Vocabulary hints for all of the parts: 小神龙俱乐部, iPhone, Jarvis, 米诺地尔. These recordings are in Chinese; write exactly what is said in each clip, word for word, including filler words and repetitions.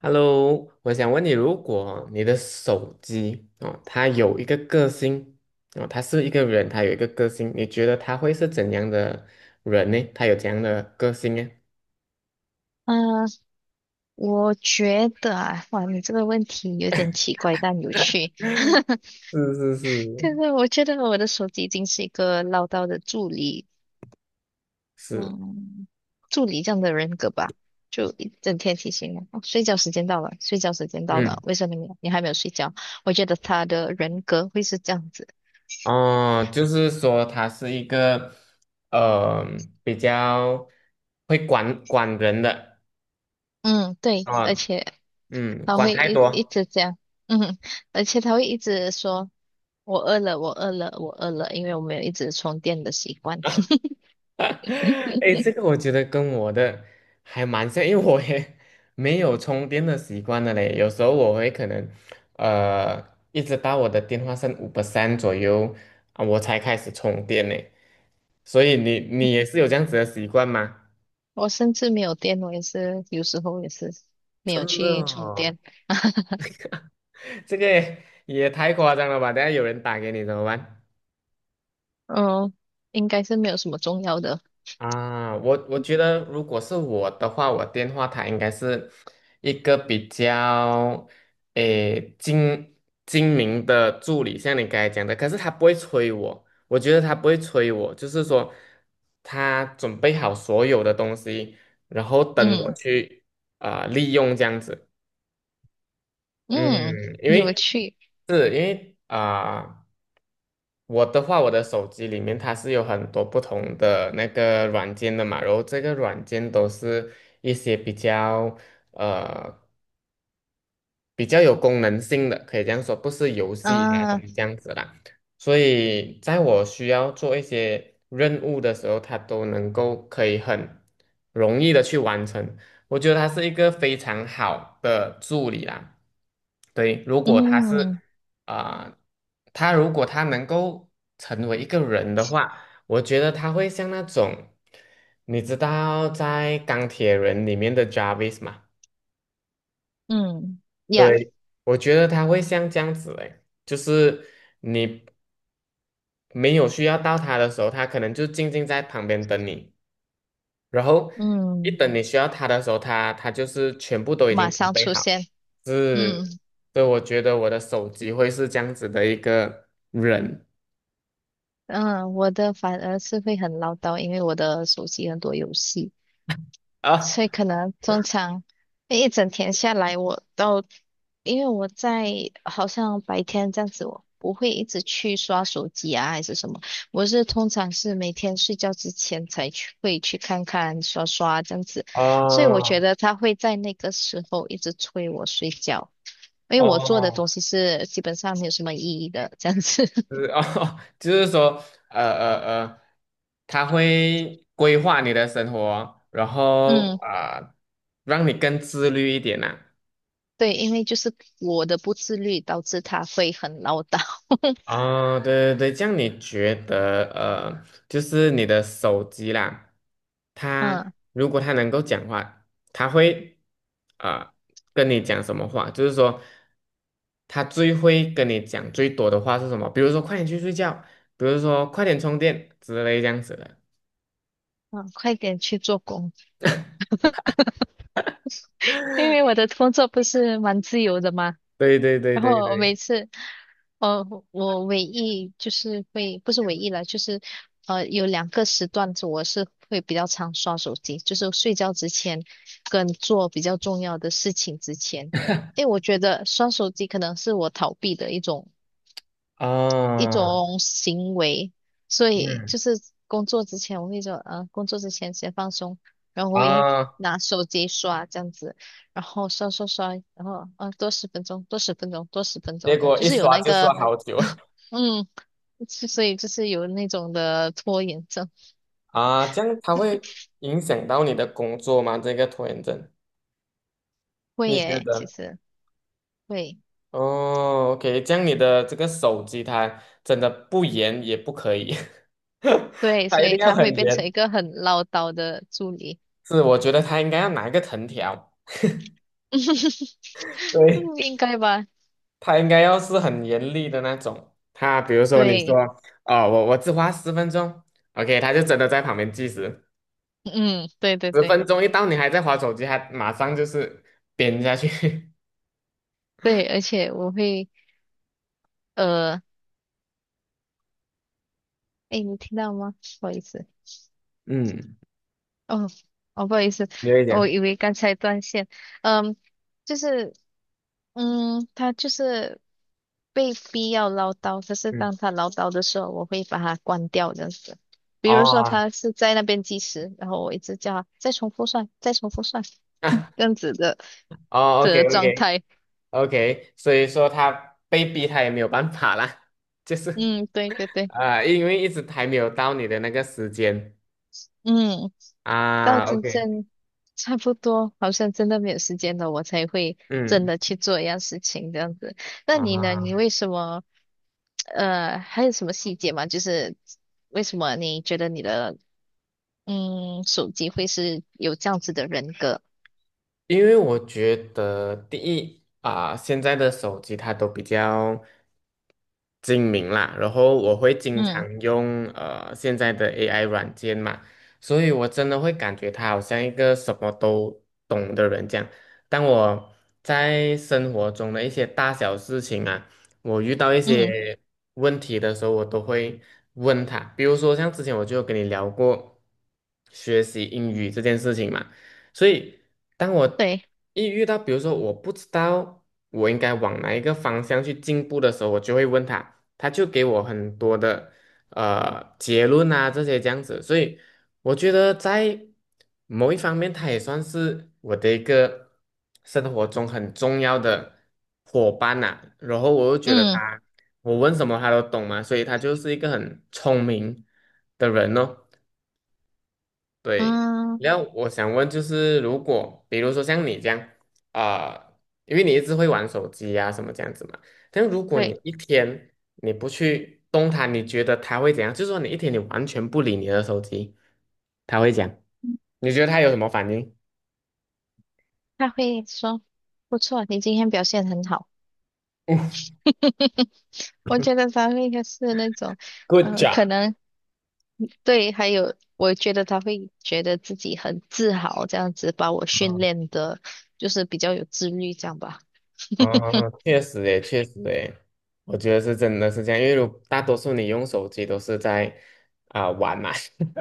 Hello,我想问你，如果你的手机哦，它有一个个性哦，它是一个人，它有一个个性，你觉得他会是怎样的人呢？他有怎样的个性呢？嗯，我觉得啊，哇，你这个问题有点奇怪但有趣。是是就是，是我觉得我的手机已经是一个唠叨的助理，是，嗯，助理这样的人格吧，就一整天提醒我，哦，睡觉时间到了，睡觉时间到了，嗯，为什么你你还没有睡觉？我觉得他的人格会是这样子。哦，就是说他是一个呃比较会管管人的嗯，对，而啊，且嗯，他管会太一一多。 直这样，嗯，而且他会一直说我饿了，我饿了，我饿了，因为我没有一直充电的习惯。哎，这个我觉得跟我的还蛮像，因为我也没有充电的习惯的嘞。有时候我会可能，呃，一直到我的电话剩五 p e 左右啊，我才开始充电呢。所以你你也是有这样子的习惯吗？我甚至没有电，我也是有时候也是没有真的去充哦。 电。这个也也太夸张了吧！等下有人打给你怎么办？嗯，应该是没有什么重要的。啊，我我觉得如果是我的话，我电话它应该是一个比较诶精精明的助理，像你刚才讲的，可是他不会催我，我觉得他不会催我，就是说他准备好所有的东西，然后等我嗯。去啊、呃利用这样子。嗯。嗯，因有为趣是因为啊。我的话，我的手机里面它是有很多不同的那个软件的嘛，然后这个软件都是一些比较呃比较有功能性的，可以这样说，不是游戏啊嗯怎啊。么这样子啦。所以在我需要做一些任务的时候，它都能够可以很容易的去完成。我觉得它是一个非常好的助理啦。对，如果他是嗯。啊、他如果他能够成为一个人的话，我觉得他会像那种，你知道在钢铁人里面的 Jarvis 吗？嗯呀。对，我觉得他会像这样子诶，就是你没有需要到他的时候，他可能就静静在旁边等你，然后一嗯。等你需要他的时候，他他就是全部都已马经准上备出好。现。是，嗯。对，我觉得我的手机会是这样子的一个人嗯，我的反而是会很唠叨，因为我的手机很多游戏。啊，所以可能通常一整天下来，我都因为我在好像白天这样子，我不会一直去刷手机啊，还是什么。我是通常是每天睡觉之前才去会去看看刷刷这样子，所以我哦觉得他会在那个时候一直催我睡觉，因为我做的哦，东西是基本上没有什么意义的这样子。就是哦，就是说，呃呃呃，他会规划你的生活，然后嗯，啊、呃让你更自律一点呐、啊对，因为就是我的不自律导致他会很唠叨。哦，对对对，这样你觉得呃，就是你的手机啦，它嗯。如果它能够讲话，它会啊、呃跟你讲什么话？就是说，它最会跟你讲最多的话是什么？比如说，快点去睡觉，比如说，快点充电之类这样子的。嗯，快点去做工。因为我的工作不是蛮自由的嘛，对对对然对后我对，每次，呃，我唯一就是会，不是唯一了，就是呃，有两个时段子我是会比较常刷手机，就是睡觉之前跟做比较重要的事情之前，因为我觉得刷手机可能是我逃避的一种一啊，种行为，所以嗯就是工作之前我会说，呃，工作之前先放松，然后我会啊，拿手机刷这样子，然后刷刷刷，然后啊，多十分钟，多十分钟，多十分结钟，果就一是有刷那就刷个，好久。 嗯，是所以就是有那种的拖延症。啊，这样它会影响到你的工作吗？这个拖延症，会你觉耶，其得？实会。哦，OK,这样你的这个手机它真的不严也不可以，对，它所一定以要他会很变成严。一个很唠叨的助理。是，我觉得它应该要拿一个藤条，对，嗯，应该吧？它应该要是很严厉的那种。它比如说你说，对。哦，我我只花十分钟，OK,它就真的在旁边计时。嗯，对对十对分钟一到，你还在划手机，还马上就是扁下去。对，而且我会呃。哎，你听到吗？不好意思。嗯，哦。哦，不好意思，你会讲，我以为刚才断线。嗯，就是，嗯，他就是被逼要唠叨，可是嗯，当他唠叨的时候，我会把它关掉这样子。比如说哦，他是在那边计时，然后我一直叫他再重复算，再重复算，啊，这样子的哦，OK 的状 OK 态。OK,所以说他被逼，他也没有办法啦，就是嗯，对对对。啊、呃因为一直还没有到你的那个时间嗯，到啊真，OK,正差不多，好像真的没有时间了，我才会真嗯，的去做一样事情这样子。那你呢？你啊。为什么？呃，还有什么细节吗？就是为什么你觉得你的嗯手机会是有这样子的人格？因为我觉得第一啊、现在的手机它都比较精明啦，然后我会经嗯。常用呃现在的 A I 软件嘛，所以我真的会感觉他好像一个什么都懂的人这样。当我在生活中的一些大小事情啊，我遇到一嗯，些问题的时候，我都会问他。比如说像之前我就有跟你聊过学习英语这件事情嘛。所以当我对。一遇到，比如说我不知道我应该往哪一个方向去进步的时候，我就会问他，他就给我很多的呃结论啊这些这样子，所以我觉得在某一方面，他也算是我的一个生活中很重要的伙伴呐、然后我又觉得嗯。他，我问什么他都懂嘛，所以他就是一个很聪明的人哦。对，嗯，然后我想问，就是如果比如说像你这样啊、呃因为你一直会玩手机呀、什么这样子嘛，但如果你对，一天你不去动它，你觉得它会怎样？就是说你一天你完全不理你的手机，它会讲，你觉得它有什么反应？他会说不错，你今天表现很好。我觉得他会是那种，Good 呃，job,可能对，还有我觉得他会觉得自己很自豪，这样子把我训练的，就是比较有自律，这样吧。哦，确实诶，确实诶，我觉得是真的是这样，因为如大多数你用手机都是在啊、玩嘛，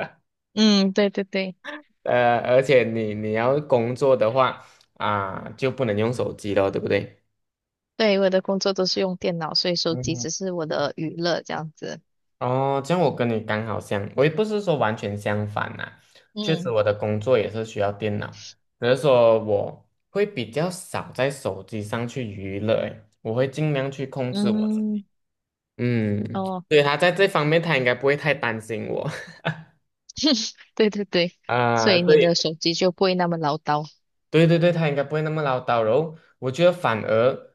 嗯，对对对。呃，而且你你要工作的话啊、就不能用手机了，对不对？对，我的工作都是用电脑，所以手机嗯只是我的娱乐这样子。哦，这样我跟你刚好相，我也不是说完全相反啦、确实嗯。我的工作也是需要电脑，只是说我会比较少在手机上去娱乐，诶，我会尽量去控制我自己。嗯。嗯，哦。对，他在这方面他应该不会太担心我。 对对对，所啊、以你的对手机就不会那么唠叨。对对对，他应该不会那么唠叨，然后我觉得反而。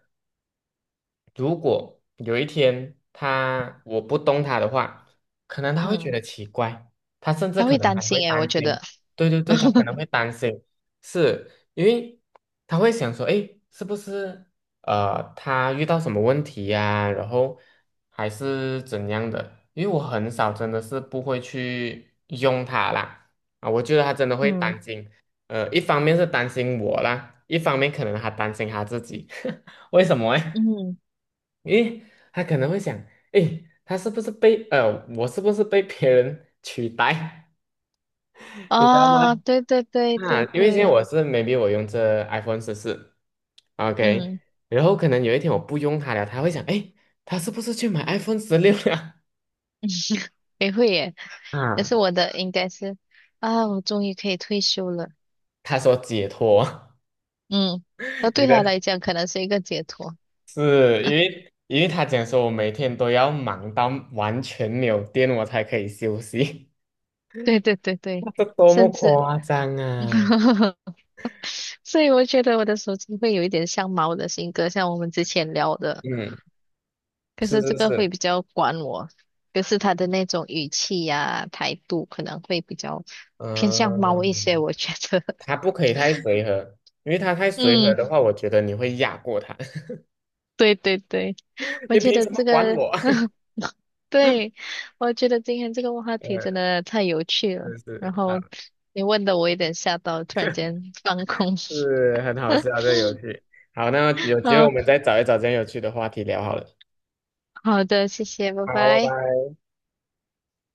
如果有一天他我不动他的话，可能他会觉嗯，得奇怪，他甚至他可会能担还会心诶，我担觉心。得。对对对，他可能会担心，是因为他会想说，诶，是不是呃他遇到什么问题呀、然后还是怎样的？因为我很少真的是不会去用它啦，啊，我觉得他真的会嗯。担心。呃，一方面是担心我啦，一方面可能还担心他自己，为什么诶？嗯。诶，他可能会想，诶，他是不是被呃，我是不是被别人取代？你知道吗？哦，对对对啊，对因为现在对。我是 maybe 我用这 iPhone 十四，OK,嗯，然后可能有一天我不用它了，他会想，诶，他是不是去买 iPhone 十六了？也会耶。可是啊，我的应该是啊，我终于可以退休了。他说解脱，嗯，那 你对他的来讲可能是一个解脱。是因为因为他讲说我每天都要忙到完全没有电，我才可以休息，对对对对，这多么甚至 夸张啊！所以我觉得我的手机会有一点像猫的性格，像我们之前聊的。嗯，可是是这是个是。会比较管我，可是它的那种语气呀、态度可能会比较偏向猫一些，嗯，我觉得。他不可以太随和，因为他太随和嗯，的话，我觉得你会压过他。对对对，我你觉凭得什么这管个，我？对，我觉得今天这个话题真嗯，的太有趣了。是然是，好，后你问的我有点吓到，突然间放空。是很好笑 这个游戏。好，那有机会我嗯，们再找一找这样有趣的话题聊好了。好的，谢谢，拜好，拜拜。拜。